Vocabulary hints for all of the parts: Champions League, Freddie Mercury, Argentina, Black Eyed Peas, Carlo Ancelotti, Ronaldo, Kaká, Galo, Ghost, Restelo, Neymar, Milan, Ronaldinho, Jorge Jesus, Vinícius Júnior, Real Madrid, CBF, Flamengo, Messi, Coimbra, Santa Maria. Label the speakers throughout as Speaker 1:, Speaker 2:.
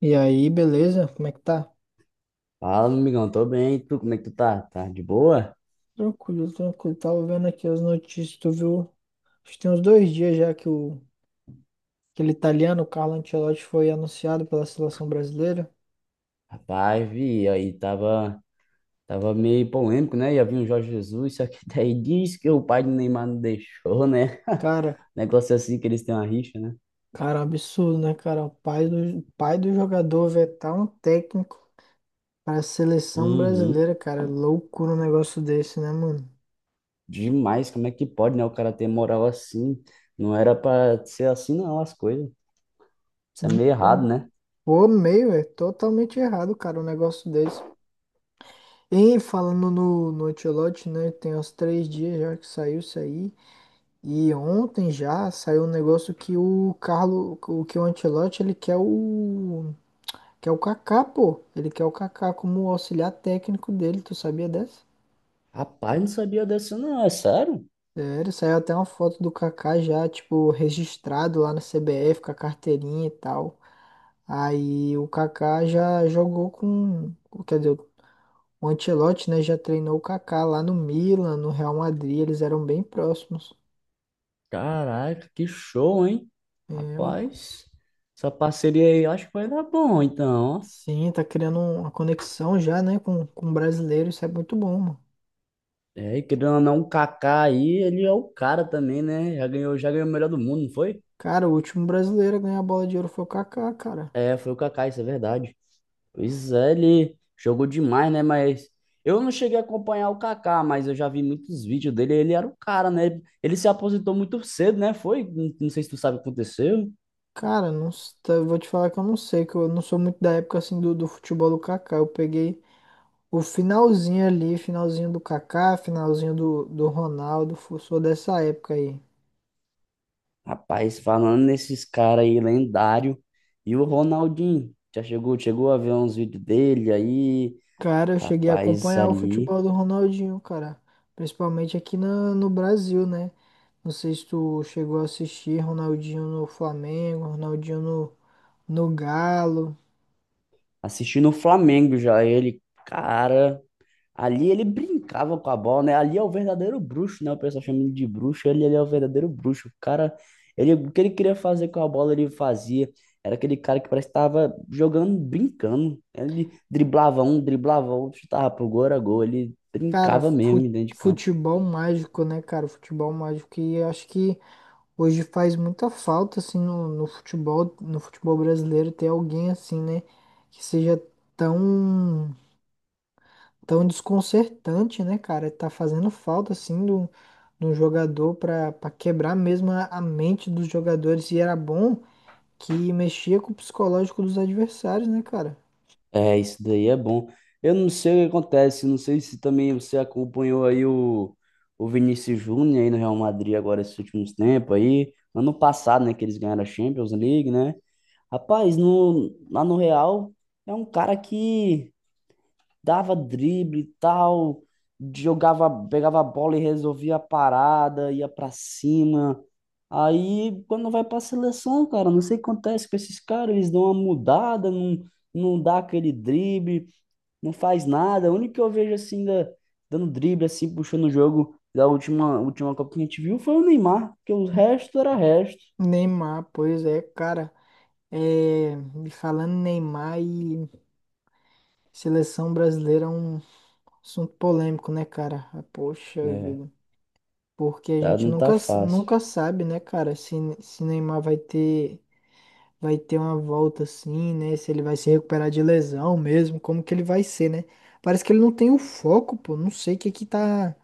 Speaker 1: E aí, beleza? Como é que tá?
Speaker 2: Fala, meu amigão, tô bem. E tu, como é que tu tá? Tá de boa?
Speaker 1: Tranquilo, tranquilo. Tava vendo aqui as notícias, tu viu? Acho que tem uns dois dias já que o aquele italiano, Carlo Ancelotti, foi anunciado pela seleção brasileira.
Speaker 2: Rapaz, vi, tava meio polêmico, né? Ia vir o Jorge Jesus, só que daí diz que o pai do Neymar não deixou, né?
Speaker 1: Cara,
Speaker 2: Negócio assim que eles têm uma rixa, né?
Speaker 1: cara, absurdo, né, cara? O pai do jogador vetar um técnico para a seleção
Speaker 2: Uhum.
Speaker 1: brasileira, cara. Loucura um negócio desse, né, mano?
Speaker 2: Demais, como é que pode, né? O cara ter moral assim. Não era pra ser assim, não, as coisas. Isso é meio
Speaker 1: Então,
Speaker 2: errado, né?
Speaker 1: pô, meio, é totalmente errado, cara, um negócio desse. E falando no Ancelotti, né? Tem uns três dias já que saiu isso aí. E ontem já saiu um negócio que o Carlo, o que o Ancelotti, ele quer o Kaká, pô. Ele quer o Kaká como auxiliar técnico dele, tu sabia dessa?
Speaker 2: Rapaz, não sabia dessa, não, é sério?
Speaker 1: Sério, saiu até uma foto do Kaká já, tipo, registrado lá na CBF com a carteirinha e tal. Aí o Kaká já jogou com, quer dizer, o Ancelotti, né, já treinou o Kaká lá no Milan, no Real Madrid, eles eram bem próximos.
Speaker 2: Caraca, que show, hein?
Speaker 1: É, um
Speaker 2: Rapaz, essa parceria aí, eu acho que vai dar bom, então, ó.
Speaker 1: Sim, tá criando uma conexão já, né, com o brasileiro, isso é muito bom, mano.
Speaker 2: É, e querendo ou não, o Kaká aí, ele é o cara também, né? Já ganhou o melhor do mundo, não foi?
Speaker 1: Cara, o último brasileiro a ganhar a bola de ouro foi o Kaká, cara.
Speaker 2: É, foi o Kaká, isso é verdade. Pois é, ele jogou demais, né? Mas eu não cheguei a acompanhar o Kaká, mas eu já vi muitos vídeos dele, ele era o cara, né? Ele se aposentou muito cedo, né? Foi? Não, não sei se tu sabe o que aconteceu.
Speaker 1: Cara, não, eu vou te falar que eu não sei, que eu não sou muito da época assim do futebol do Kaká. Eu peguei o finalzinho ali, finalzinho do Kaká, finalzinho do Ronaldo, sou dessa época aí.
Speaker 2: Rapaz, falando nesses caras aí, lendário. E o Ronaldinho, chegou a ver uns vídeos dele aí.
Speaker 1: Cara, eu cheguei a
Speaker 2: Rapaz,
Speaker 1: acompanhar o
Speaker 2: ali,
Speaker 1: futebol do Ronaldinho, cara. Principalmente aqui no Brasil, né? Não sei se tu chegou a assistir Ronaldinho no Flamengo, Ronaldinho no Galo.
Speaker 2: assistindo o Flamengo já, ele, cara. Ali ele brincava com a bola, né? Ali é o verdadeiro bruxo, né? O pessoal chama ele de bruxo. Ele é o verdadeiro bruxo. O cara, ele, o que ele queria fazer com a bola, ele fazia. Era aquele cara que parece que estava jogando, brincando. Ele driblava um, driblava outro, chutava pro gol, era gol. Ele
Speaker 1: Cara,
Speaker 2: brincava mesmo dentro de campo.
Speaker 1: futebol mágico, né, cara? Futebol mágico. E eu acho que hoje faz muita falta, assim, no futebol, no futebol brasileiro, ter alguém assim, né? Que seja tão, tão desconcertante, né, cara? Tá fazendo falta, assim, do, do jogador pra quebrar mesmo a mente dos jogadores. E era bom que mexia com o psicológico dos adversários, né, cara?
Speaker 2: É, isso daí é bom. Eu não sei o que acontece, não sei se também você acompanhou aí o Vinícius Júnior aí no Real Madrid agora esses últimos tempos aí. Ano passado, né, que eles ganharam a Champions League, né? Rapaz, no, lá no Real é um cara que dava drible e tal, jogava, pegava a bola e resolvia a parada, ia pra cima. Aí quando vai pra seleção, cara, não sei o que acontece com esses caras, eles dão uma mudada, não, não dá aquele drible, não faz nada. O único que eu vejo assim, da, dando drible, assim, puxando o jogo da última Copa que a gente viu foi o Neymar, porque o resto era resto.
Speaker 1: Neymar, pois é, cara. É, e falando em Neymar e seleção brasileira é um assunto polêmico, né, cara? Ah, poxa
Speaker 2: É,
Speaker 1: vida. Porque a
Speaker 2: tá,
Speaker 1: gente
Speaker 2: não tá
Speaker 1: nunca,
Speaker 2: fácil.
Speaker 1: nunca sabe, né, cara, se Neymar vai ter uma volta assim, né? Se ele vai se recuperar de lesão mesmo, como que ele vai ser, né? Parece que ele não tem o foco, pô. Não sei o que que tá,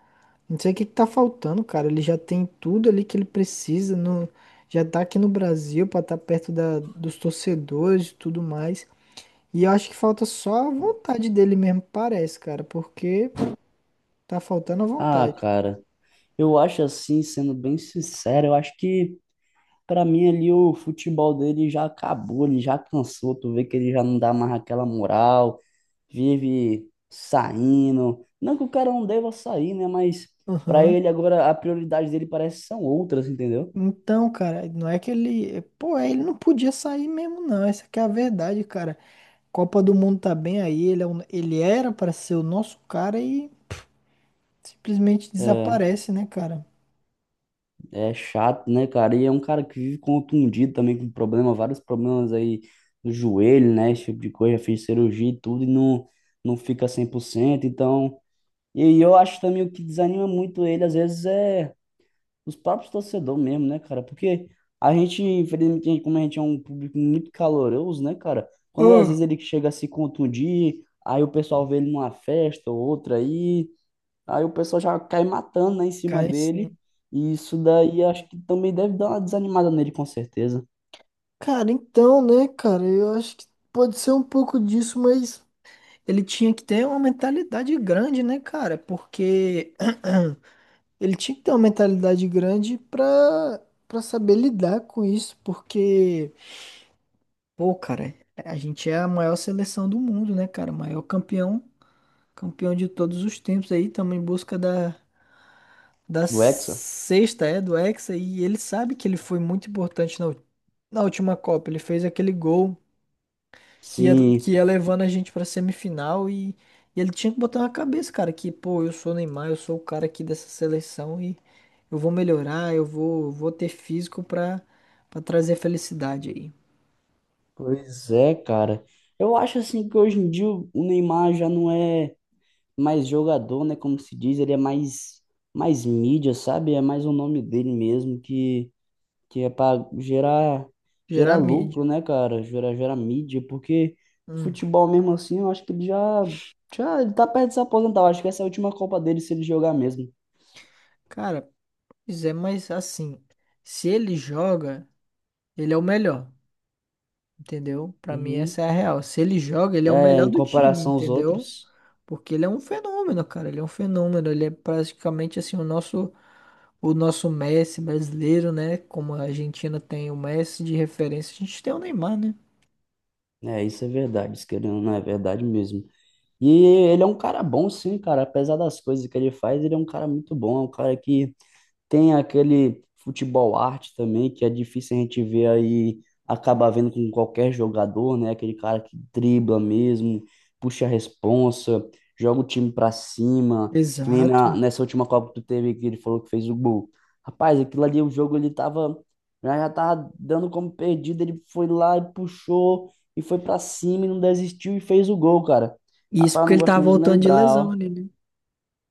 Speaker 1: não sei o que que tá faltando, cara. Ele já tem tudo ali que ele precisa, no, já tá aqui no Brasil pra estar perto da, dos torcedores e tudo mais. E eu acho que falta só a vontade dele mesmo, parece, cara, porque tá faltando a
Speaker 2: Ah,
Speaker 1: vontade.
Speaker 2: cara. Eu acho assim, sendo bem sincero, eu acho que pra mim ali o futebol dele já acabou, ele já cansou, tu vê que ele já não dá mais aquela moral, vive saindo. Não que o cara não deva sair, né? Mas pra
Speaker 1: Aham.
Speaker 2: ele agora a prioridade dele parece que são outras, entendeu?
Speaker 1: Então, cara, não é que ele. Pô, é, ele não podia sair mesmo, não. Essa que é a verdade, cara. Copa do Mundo tá bem aí, ele, ele era pra ser o nosso cara e simplesmente
Speaker 2: É,
Speaker 1: desaparece, né, cara?
Speaker 2: é chato, né, cara? E é um cara que vive contundido também com problema, vários problemas aí do joelho, né? Esse tipo de coisa, já fez cirurgia e tudo e não, não fica 100%. Então, e eu acho também o que desanima muito ele, às vezes, é os próprios torcedores mesmo, né, cara? Porque a gente, infelizmente, a gente, como a gente é um público muito caloroso, né, cara? Quando às
Speaker 1: Ah,
Speaker 2: vezes ele chega a se contundir, aí o pessoal vê ele numa festa ou outra aí, aí o pessoal já cai matando, né, em cima
Speaker 1: cai sim.
Speaker 2: dele. E isso daí acho que também deve dar uma desanimada nele, com certeza.
Speaker 1: Cara, então, né, cara, eu acho que pode ser um pouco disso, mas ele tinha que ter uma mentalidade grande, né, cara? Porque. Ele tinha que ter uma mentalidade grande pra saber lidar com isso, porque, pô, cara, a gente é a maior seleção do mundo, né, cara? Maior campeão, campeão de todos os tempos aí, estamos em busca da, da
Speaker 2: Do Hexa?
Speaker 1: sexta, é, do Hexa, e ele sabe que ele foi muito importante na, na última Copa. Ele fez aquele gol que ia,
Speaker 2: Sim,
Speaker 1: que ia levando a gente pra semifinal e ele tinha que botar na cabeça, cara, que, pô, eu sou o Neymar, eu sou o cara aqui dessa seleção e eu vou melhorar, eu vou ter físico pra trazer felicidade aí.
Speaker 2: pois é, cara. Eu acho assim que hoje em dia o Neymar já não é mais jogador, né? Como se diz, ele é mais, mais mídia, sabe? É mais o nome dele mesmo, que é para gerar, gerar
Speaker 1: Gerar
Speaker 2: lucro,
Speaker 1: mídia.
Speaker 2: né, cara? Gerar mídia, porque
Speaker 1: Hum,
Speaker 2: futebol mesmo assim, eu acho que ele já, já ele tá perto de se aposentar. Eu acho que essa é a última Copa dele se ele jogar mesmo.
Speaker 1: cara, pois é, mas assim, se ele joga, ele é o melhor. Entendeu? Pra mim essa
Speaker 2: Uhum.
Speaker 1: é a real. Se ele joga, ele é o
Speaker 2: É,
Speaker 1: melhor
Speaker 2: em
Speaker 1: do time,
Speaker 2: comparação aos
Speaker 1: entendeu?
Speaker 2: outros.
Speaker 1: Porque ele é um fenômeno, cara. Ele é um fenômeno. Ele é praticamente assim o nosso Messi brasileiro, né? Como a Argentina tem o Messi de referência, a gente tem o Neymar, né?
Speaker 2: É, isso é verdade, isso querendo ou não é verdade mesmo. E ele é um cara bom, sim, cara. Apesar das coisas que ele faz, ele é um cara muito bom. É um cara que tem aquele futebol arte também, que é difícil a gente ver aí, acaba vendo com qualquer jogador, né? Aquele cara que dribla mesmo, puxa a responsa, joga o time pra cima, que nem na-
Speaker 1: Exato.
Speaker 2: nessa última Copa que tu teve, que ele falou que fez o gol. Rapaz, aquilo ali, o jogo, ele tava, já tava dando como perdido, ele foi lá e puxou, e foi pra cima, e não desistiu, e fez o gol, cara.
Speaker 1: E isso
Speaker 2: Rapaz, eu
Speaker 1: porque
Speaker 2: não
Speaker 1: ele
Speaker 2: gosto
Speaker 1: tava
Speaker 2: nem de
Speaker 1: voltando de
Speaker 2: lembrar,
Speaker 1: lesão
Speaker 2: ó.
Speaker 1: ali, né?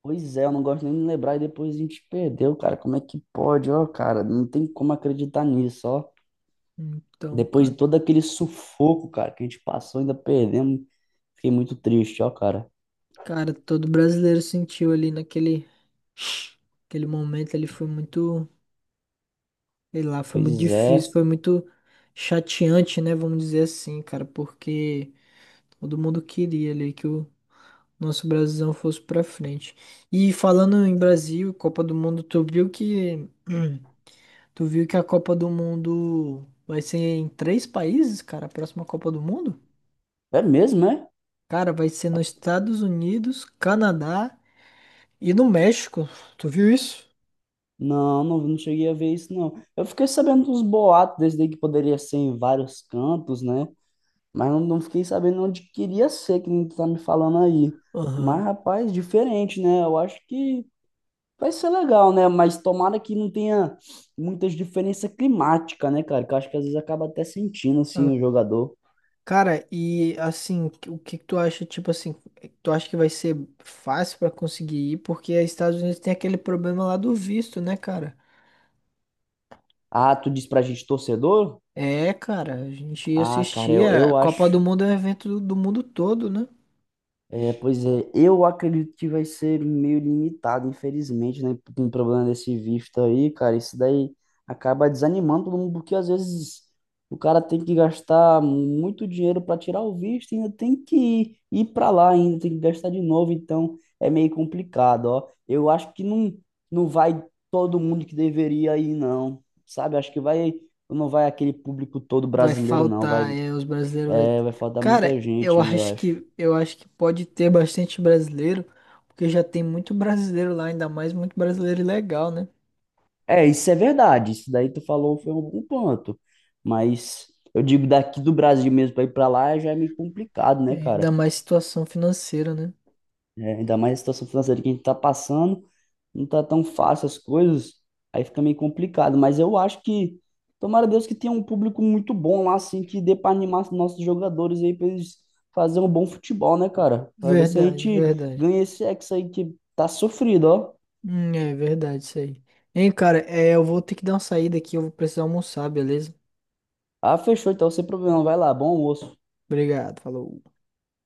Speaker 2: Pois é, eu não gosto nem de lembrar e depois a gente perdeu, cara. Como é que pode, ó, cara? Não tem como acreditar nisso, ó.
Speaker 1: Então,
Speaker 2: Depois
Speaker 1: cara,
Speaker 2: de todo aquele sufoco, cara, que a gente passou, ainda perdemos. Fiquei muito triste, ó, cara.
Speaker 1: cara, todo brasileiro sentiu ali naquele, aquele momento, ele foi muito, sei lá, foi muito
Speaker 2: Pois
Speaker 1: difícil,
Speaker 2: é.
Speaker 1: foi muito chateante, né? Vamos dizer assim, cara, porque todo mundo queria ali que o nosso Brasilzão fosse pra frente. E falando em Brasil, Copa do Mundo, tu viu que hum, tu viu que a Copa do Mundo vai ser em três países, cara, a próxima Copa do Mundo?
Speaker 2: É mesmo, é?
Speaker 1: Cara, vai ser nos Estados Unidos, Canadá e no México. Tu viu isso?
Speaker 2: Não, não cheguei a ver isso, não. Eu fiquei sabendo dos boatos desde aí que poderia ser em vários cantos, né? Mas não, não fiquei sabendo onde queria ser, que nem tu tá me falando aí.
Speaker 1: Aham.
Speaker 2: Mas, rapaz, diferente, né? Eu acho que vai ser legal, né? Mas tomara que não tenha muitas diferenças climáticas, né, cara? Que eu acho que às vezes acaba até sentindo,
Speaker 1: Ah,
Speaker 2: assim, o jogador.
Speaker 1: cara, e assim, o que que tu acha, tipo assim, tu acha que vai ser fácil pra conseguir ir? Porque os Estados Unidos tem aquele problema lá do visto, né, cara?
Speaker 2: Ah, tu diz pra gente torcedor?
Speaker 1: É, cara, a gente
Speaker 2: Ah, cara, eu,
Speaker 1: assistia. A
Speaker 2: eu
Speaker 1: Copa
Speaker 2: acho.
Speaker 1: do Mundo é um evento do mundo todo, né?
Speaker 2: É, pois é, eu acredito que vai ser meio limitado, infelizmente, né? Com o problema desse visto aí, cara, isso daí acaba desanimando todo mundo, porque às vezes o cara tem que gastar muito dinheiro para tirar o visto e ainda tem que ir para lá, ainda tem que gastar de novo, então é meio complicado, ó. Eu acho que não, não vai todo mundo que deveria ir, não, sabe? Acho que vai, não vai aquele público todo
Speaker 1: Vai
Speaker 2: brasileiro, não,
Speaker 1: faltar,
Speaker 2: vai,
Speaker 1: é, os brasileiros vai.
Speaker 2: é, vai faltar muita
Speaker 1: Cara,
Speaker 2: gente
Speaker 1: eu
Speaker 2: ainda, eu
Speaker 1: acho
Speaker 2: acho.
Speaker 1: que eu acho que pode ter bastante brasileiro, porque já tem muito brasileiro lá, ainda mais muito brasileiro legal, né?
Speaker 2: É, isso é verdade. Isso daí tu falou foi um bom ponto. Mas eu digo, daqui do Brasil mesmo para ir para lá já é meio complicado,
Speaker 1: É,
Speaker 2: né,
Speaker 1: ainda
Speaker 2: cara?
Speaker 1: mais situação financeira, né?
Speaker 2: É, ainda mais a situação financeira que a gente tá passando, não tá tão fácil as coisas, aí fica meio complicado. Mas eu acho que, tomara a Deus que tenha um público muito bom lá, assim, que dê para animar os nossos jogadores aí para eles fazerem um bom futebol, né, cara? Para ver se a
Speaker 1: Verdade,
Speaker 2: gente
Speaker 1: verdade.
Speaker 2: ganha esse ex aí que tá sofrido, ó.
Speaker 1: É verdade isso aí. Hein, cara, é, eu vou ter que dar uma saída aqui, eu vou precisar almoçar, beleza?
Speaker 2: Ah, fechou, então sem problema, vai lá, bom almoço.
Speaker 1: Obrigado, falou.